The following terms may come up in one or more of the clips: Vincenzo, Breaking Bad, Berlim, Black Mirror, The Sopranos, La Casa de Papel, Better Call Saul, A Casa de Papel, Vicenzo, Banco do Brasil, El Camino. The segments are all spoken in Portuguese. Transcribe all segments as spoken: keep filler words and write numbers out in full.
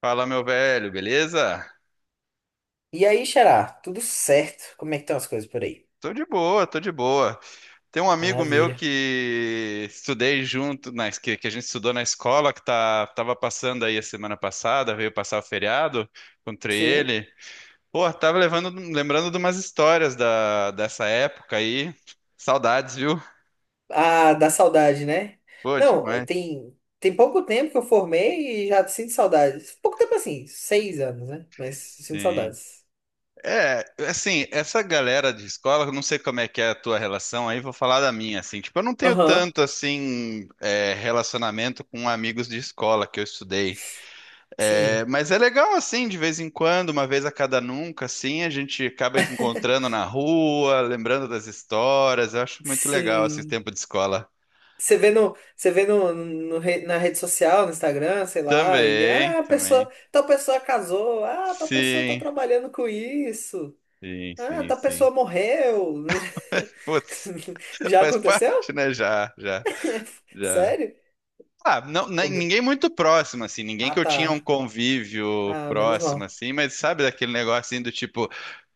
Fala, meu velho, beleza? E aí, Xará, tudo certo? Como é que estão as coisas por aí? Tô de boa, tô de boa. Tem um amigo meu Maravilha. que estudei junto, na, que, que a gente estudou na escola, que tá, tava passando aí a semana passada, veio passar o feriado, encontrei Sim. ele. Pô, tava levando, lembrando de umas histórias da, dessa época aí. Saudades, viu? Ah, dá saudade, né? Pô, Não, eh, demais. tem, tem pouco tempo que eu formei e já sinto saudades. Pouco tempo assim, seis anos, né? Mas sinto Sim. saudades. É, assim, essa galera de escola, eu não sei como é que é a tua relação, aí vou falar da minha, assim, tipo, eu não tenho Aham. tanto, assim, é, relacionamento com amigos de escola que eu estudei. É, Sim, mas é legal, assim, de vez em quando, uma vez a cada nunca, assim, a gente acaba encontrando na rua, lembrando das histórias, eu acho muito legal, assim, esse sim. tempo de escola. Você vê, no, você vê no, no re- na rede social, no Instagram, sei lá, e Também, ah, a também, pessoa, tal pessoa casou, ah, tal pessoa tá sim, trabalhando com isso, sim, ah, sim, tal sim. pessoa morreu. Putz, Já faz aconteceu? parte, né, já, já. Já. Sério? Ah, não, Ô, nem- meu... ninguém muito próximo, assim, ninguém Ah, que eu tinha um tá. convívio Ah, menos próximo, mal. assim, mas sabe daquele negócio assim do tipo.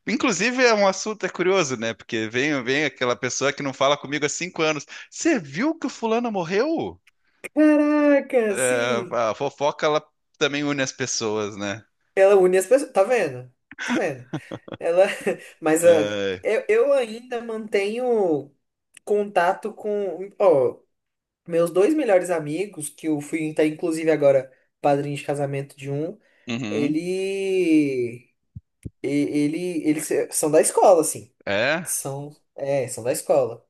Inclusive é um assunto, é curioso, né? Porque vem, vem aquela pessoa que não fala comigo há cinco anos. Você viu que o fulano morreu? Caraca, É, sim. a fofoca, ela também une as pessoas, né? Ela une as pessoas. Tá vendo? Tá vendo? Ela. Mas ah, É, eu, eu ainda mantenho contato com. Ó, meus dois melhores amigos, que eu fui, tá, inclusive, agora padrinho de casamento de um, uhum, ele. e- Ele. Eles são da escola, assim. é, São. É, são da escola.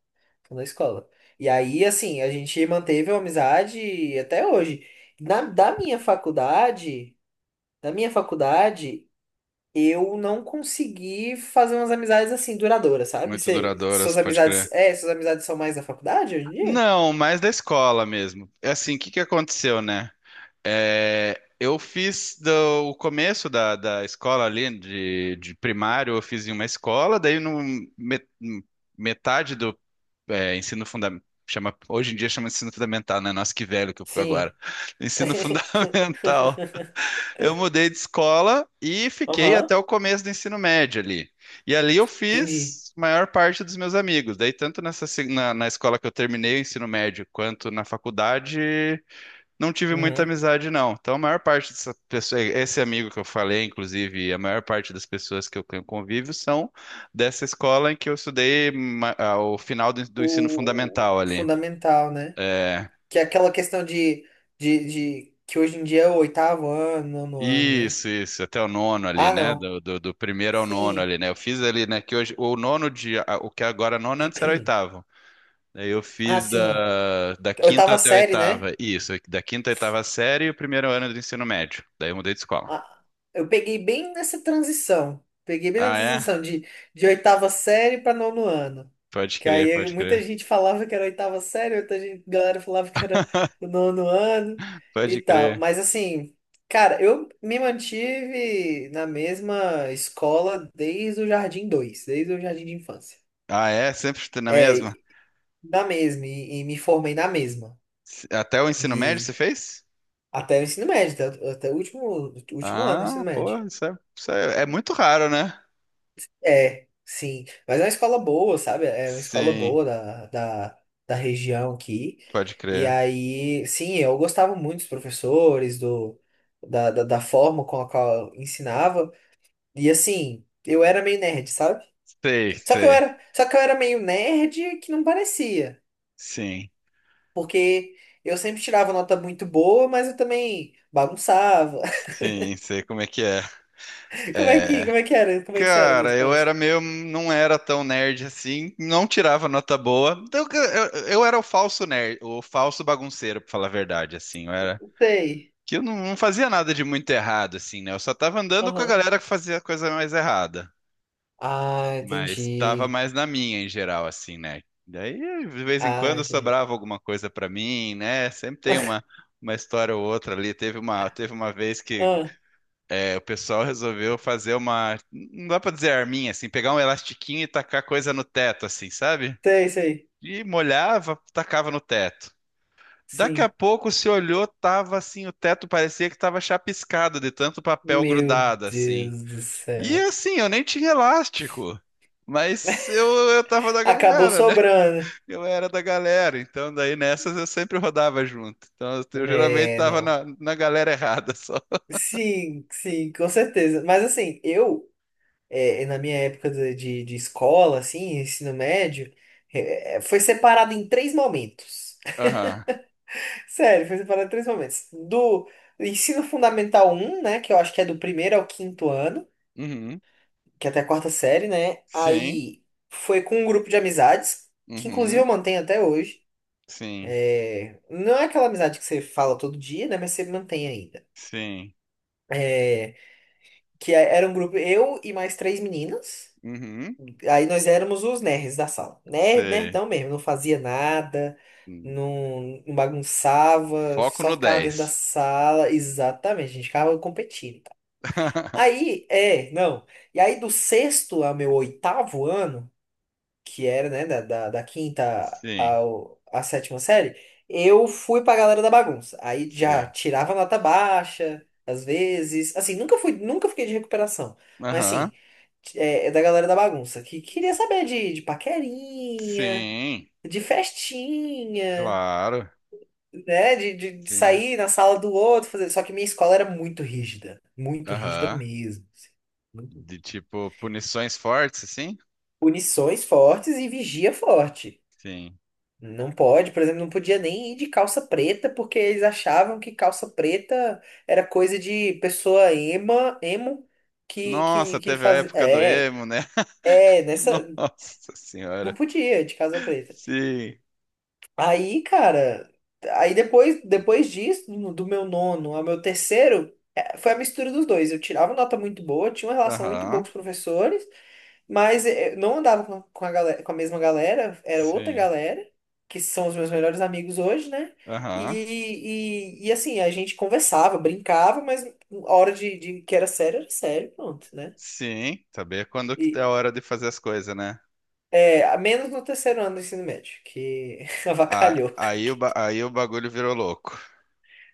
Na escola. E aí, assim, a gente manteve a amizade até hoje. Na, da minha faculdade, da minha faculdade, eu não consegui fazer umas amizades assim duradouras, sabe? muito Cê, duradouras, suas pode amizades, crer. é, suas amizades são mais da faculdade hoje em dia? Não, mais da escola mesmo. É assim, o que que aconteceu, né? É, eu fiz do- o começo da, da escola ali, de, de primário, eu fiz em uma escola, daí no me- metade do é, ensino fundamental, chama, hoje em dia chama ensino fundamental, né? Nossa, que velho que eu fui agora. Sim. Ensino fundamental. Eu mudei de escola e fiquei Aham, até o começo do ensino médio ali. E ali eu entendi. fiz a maior parte dos meus amigos. Daí, tanto nessa, se- na, na escola que eu terminei o ensino médio, quanto na faculdade, não tive muita Uhum. amizade, não. Então, a maior parte dessa pessoa, esse amigo que eu falei, inclusive, a maior parte das pessoas que eu tenho convívio são dessa escola em que eu estudei ma- ao final do, do ensino O fundamental ali. fundamental, né? É, Que é aquela questão de, de, de que hoje em dia é o oitavo ano, nono ano, né? isso, isso, até o nono ali, Ah, né? não. Do, do, do primeiro ao nono Sim. ali, né? Eu fiz ali, né? Que hoje, o nono de, a- o que agora é nono, antes era oitavo. Aí eu Ah, fiz sim. da, da quinta Oitava até a série, né? oitava, isso, da quinta à oitava série e o primeiro ano do ensino médio. Daí eu mudei de escola. A- Eu peguei bem nessa transição. Peguei bem Ah, nessa é? transição de, de oitava série para nono ano. Pode Que crer, aí pode muita crer. gente falava que era oitava série, outra gente- galera falava que era o nono ano e Pode tal. crer. Mas assim, cara, eu me mantive na mesma escola desde o Jardim dois, desde o Jardim de Infância. Ah, é? Sempre na É, mesma? na mesma, e, e me formei na mesma. Até o ensino médio você E fez? até o ensino médio, até, até o último, último ano do ensino Ah, pô, médio. isso é, isso é, é muito raro, né? É, sim. Mas é uma escola boa, sabe? É uma escola Sim, boa da, da, da região aqui. pode E crer. aí, sim, eu gostava muito dos professores, do, da, da, da forma com a qual ensinava. E assim, eu era meio nerd, sabe? Sei, Só que eu sei. era, só que eu era meio nerd que não parecia. Sim, Porque eu sempre tirava nota muito boa, mas eu também bagunçava. sim, sei como é que é. Como é que, É. como é que era? Como é que você era na Cara, eu escola? era meio. Não era tão nerd assim, não tirava nota boa. Eu, eu, eu era o falso nerd, o falso bagunceiro, pra falar a verdade, assim. Eu era. Sei. Que eu não, não fazia nada de muito errado, assim, né? Eu só tava andando com a Aham. galera que fazia coisa mais errada. Ah, Mas tava entendi. mais na minha em geral, assim, né? Daí, de vez em Ah, quando, entendi. sobrava alguma coisa pra mim, né? Sempre tem uma, uma história ou outra ali. Teve uma, teve uma vez que Ah, é, o pessoal resolveu fazer uma. Não dá pra dizer arminha, assim, pegar um elastiquinho e tacar coisa no teto, assim, sabe? sei, sei. E molhava, tacava no teto. Daqui a Sim. pouco se olhou, tava assim, o teto parecia que tava chapiscado de tanto papel Meu grudado, assim. Deus do E céu. assim, eu nem tinha elástico, mas eu, eu tava da Acabou galera, né? sobrando. Eu era da galera, então daí nessas eu sempre rodava junto. Então eu, eu geralmente É, tava não. na, na galera errada só. Sim, sim, com certeza. Mas assim, eu, é, na minha época de, de, de escola, assim, ensino médio, é, é, foi separado em três momentos. Aham. Sério, foi separado em três momentos. Do ensino fundamental um, né, que eu acho que é do primeiro ao quinto ano, Uhum. que é até a quarta série, né? Sim. Aí foi com um grupo de amizades, que inclusive eu Uhum. mantenho até hoje. Sim. É, não é aquela amizade que você fala todo dia, né? Mas você mantém ainda. Sim. É, que é- era um grupo, eu e mais três meninas. Uhum. Aí nós éramos os nerds da sala. Nerd, Sei. nerdão mesmo, não fazia nada, Hum. não, não bagunçava, Foco só no ficava dentro da dez sala. Exatamente, a gente ficava competindo. Aí, é, não. E aí do sexto ao meu oitavo ano, que era, né, da, da, da quinta Sim. ao, à sétima série, eu fui pra galera da bagunça. Aí já Sim. tirava nota baixa, às vezes. Assim, nunca fui, nunca fiquei de recuperação. Mas Aham. assim, é, é da galera da bagunça, que queria saber de, de paquerinha, Sim. de festinha, Claro. né? De, de, de Sim. sair na sala do outro, fazer. Só que minha escola era muito rígida, muito rígida Aham. mesmo. Assim, muito- De tipo punições fortes, assim? Punições fortes e vigia forte. Sim. Não pode, por exemplo, não podia nem ir de calça preta, porque eles achavam que calça preta era coisa de pessoa ema, emo, que, que, Nossa, que teve a fazia. época do É, emo, né? é, nessa. Nossa Não senhora. podia ir de calça preta. Sim. Aí, cara, aí depois, depois disso, no- do meu nono ao meu terceiro, é, foi a mistura dos dois. Eu tirava nota muito boa, tinha uma relação muito boa Aham. com os professores. Mas eh, não andava com com a, galera, com a mesma galera, era outra Sim. galera, que são os meus melhores amigos hoje, né? E, Aham. e, e, assim, a gente conversava, brincava, mas a hora de, de que era sério, era sério, pronto, né? Sim. Saber quando E, que é a hora de fazer as coisas, né? é, a menos no terceiro ano do ensino médio, que A- avacalhou. Aí o, ba- aí o bagulho virou louco.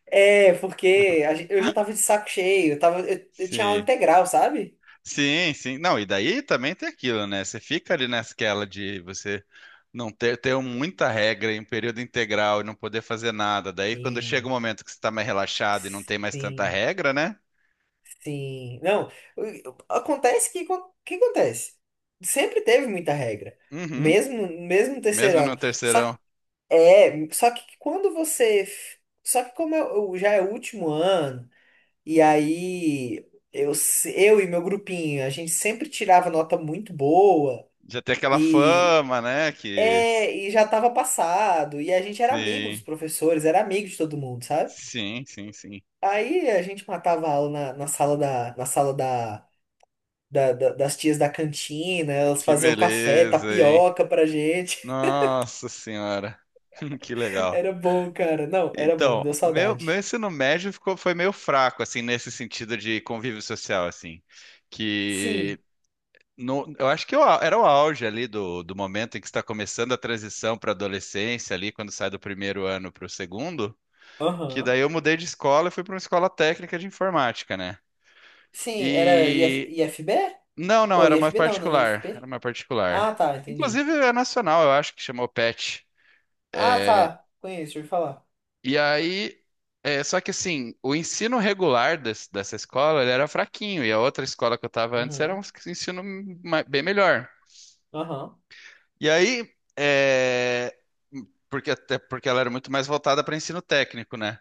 É, porque a gen- eu já tava de saco cheio, eu, tava, eu, eu tinha aula Sim. integral, sabe? Sim, sim. Não, e daí também tem aquilo, né? Você fica ali naquela de você não ter, ter muita regra em período integral e não poder fazer nada. Daí quando chega o Sim, momento que você está mais relaxado e não tem mais tanta sim. regra, né? Sim, não, acontece que o que acontece? Sempre teve muita regra, Uhum. mesmo mesmo no terceiro Mesmo no ano. Só terceirão. É, só que quando você, só que como eu, eu- já é o último ano e aí eu se- eu e meu grupinho, a gente sempre tirava nota muito boa Já tem aquela e fama, né? Que. é, e já tava passado e a gente era amigo dos Sim, professores, era amigo de todo mundo, sabe? sim, sim, sim. Aí a gente matava a aula na, na sala da na sala da da- da- das tias da cantina, elas Que faziam café, beleza, hein? tapioca pra gente. Nossa senhora, que legal. Era bom, cara. Não, era bom, Então, deu meu, meu saudade. ensino médio ficou, foi meio fraco, assim, nesse sentido de convívio social, assim. Que Sim, no, eu acho que eu, era o auge ali do, do momento em que está começando a transição para adolescência, ali, quando sai do primeiro ano para o segundo. Que aham. daí eu mudei de escola e fui para uma escola técnica de informática, né? Sim, era i i f E I f b. não, não, Ou era i f uma b não, né? i f particular. p. Era uma particular. Ah, tá, entendi. Inclusive é nacional, eu acho que chamou PET. Ah, tá, conheço, ouvi falar. E aí, é, só que assim, o ensino regular des- dessa escola, ele era fraquinho, e a outra escola que eu estava antes era um Uhum, ensino ma- bem melhor. aham, E aí, é, porque até porque ela era muito mais voltada para ensino técnico, né?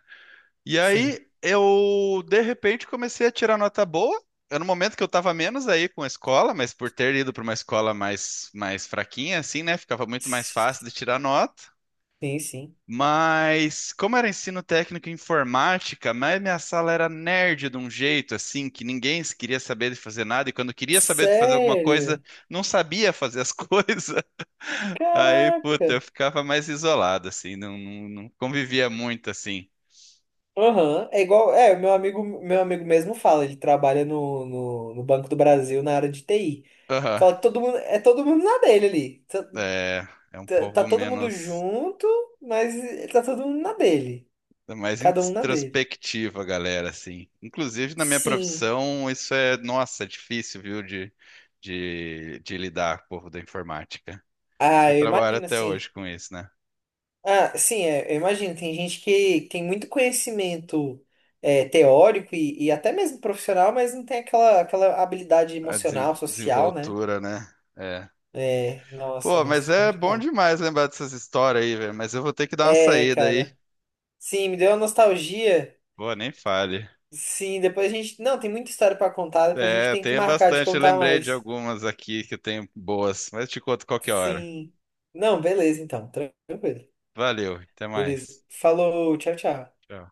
E sim. aí eu, de repente, comecei a tirar nota boa. Era no momento que eu estava menos aí com a escola, mas por ter ido para uma escola mais, mais fraquinha, assim, né? Ficava muito mais fácil de tirar nota. Sim, sim. Mas, como era ensino técnico em informática, mas minha sala era nerd de um jeito, assim, que ninguém queria saber de fazer nada, e quando queria saber de fazer alguma coisa, Sério? não sabia fazer as coisas. Aí, Caraca. puta, eu ficava mais isolado, assim, não, não, não convivia muito, assim. Aham. É igual, é, meu amigo, meu amigo mesmo fala, ele trabalha no, no, no Banco do Brasil na área de T I. Fala que todo mundo, é todo mundo na dele ali. Tá, É, é um tá- tá povo todo mundo menos, junto, mas tá todo mundo na dele. é mais Cada um na dele. introspectiva, galera, assim. Inclusive, na minha Sim. profissão, isso é, nossa, é difícil, viu, de, de, de lidar com o povo da informática. Eu Ah, eu trabalho imagino, até assim. hoje com isso, né? Ah, sim, é, eu imagino. Tem gente que tem muito conhecimento é, teórico e, e até mesmo profissional, mas não tem aquela, aquela habilidade A desen- emocional, social, né? desenvoltura, né? É. É, nossa, Pô, mas mas é bom complicado. demais lembrar dessas histórias aí, velho. Mas eu vou ter que dar uma É, saída aí. cara. Sim, me deu uma nostalgia. Pô, nem fale. Sim, depois a gente. Não, tem muita história pra contar, depois a gente É, tem que tem marcar de bastante. Eu contar lembrei de mais. algumas aqui que tem boas, mas te conto qualquer hora. Sim. Não, beleza, então. Tranquilo. Valeu, até Beleza. mais. Falou, tchau, tchau. Tchau.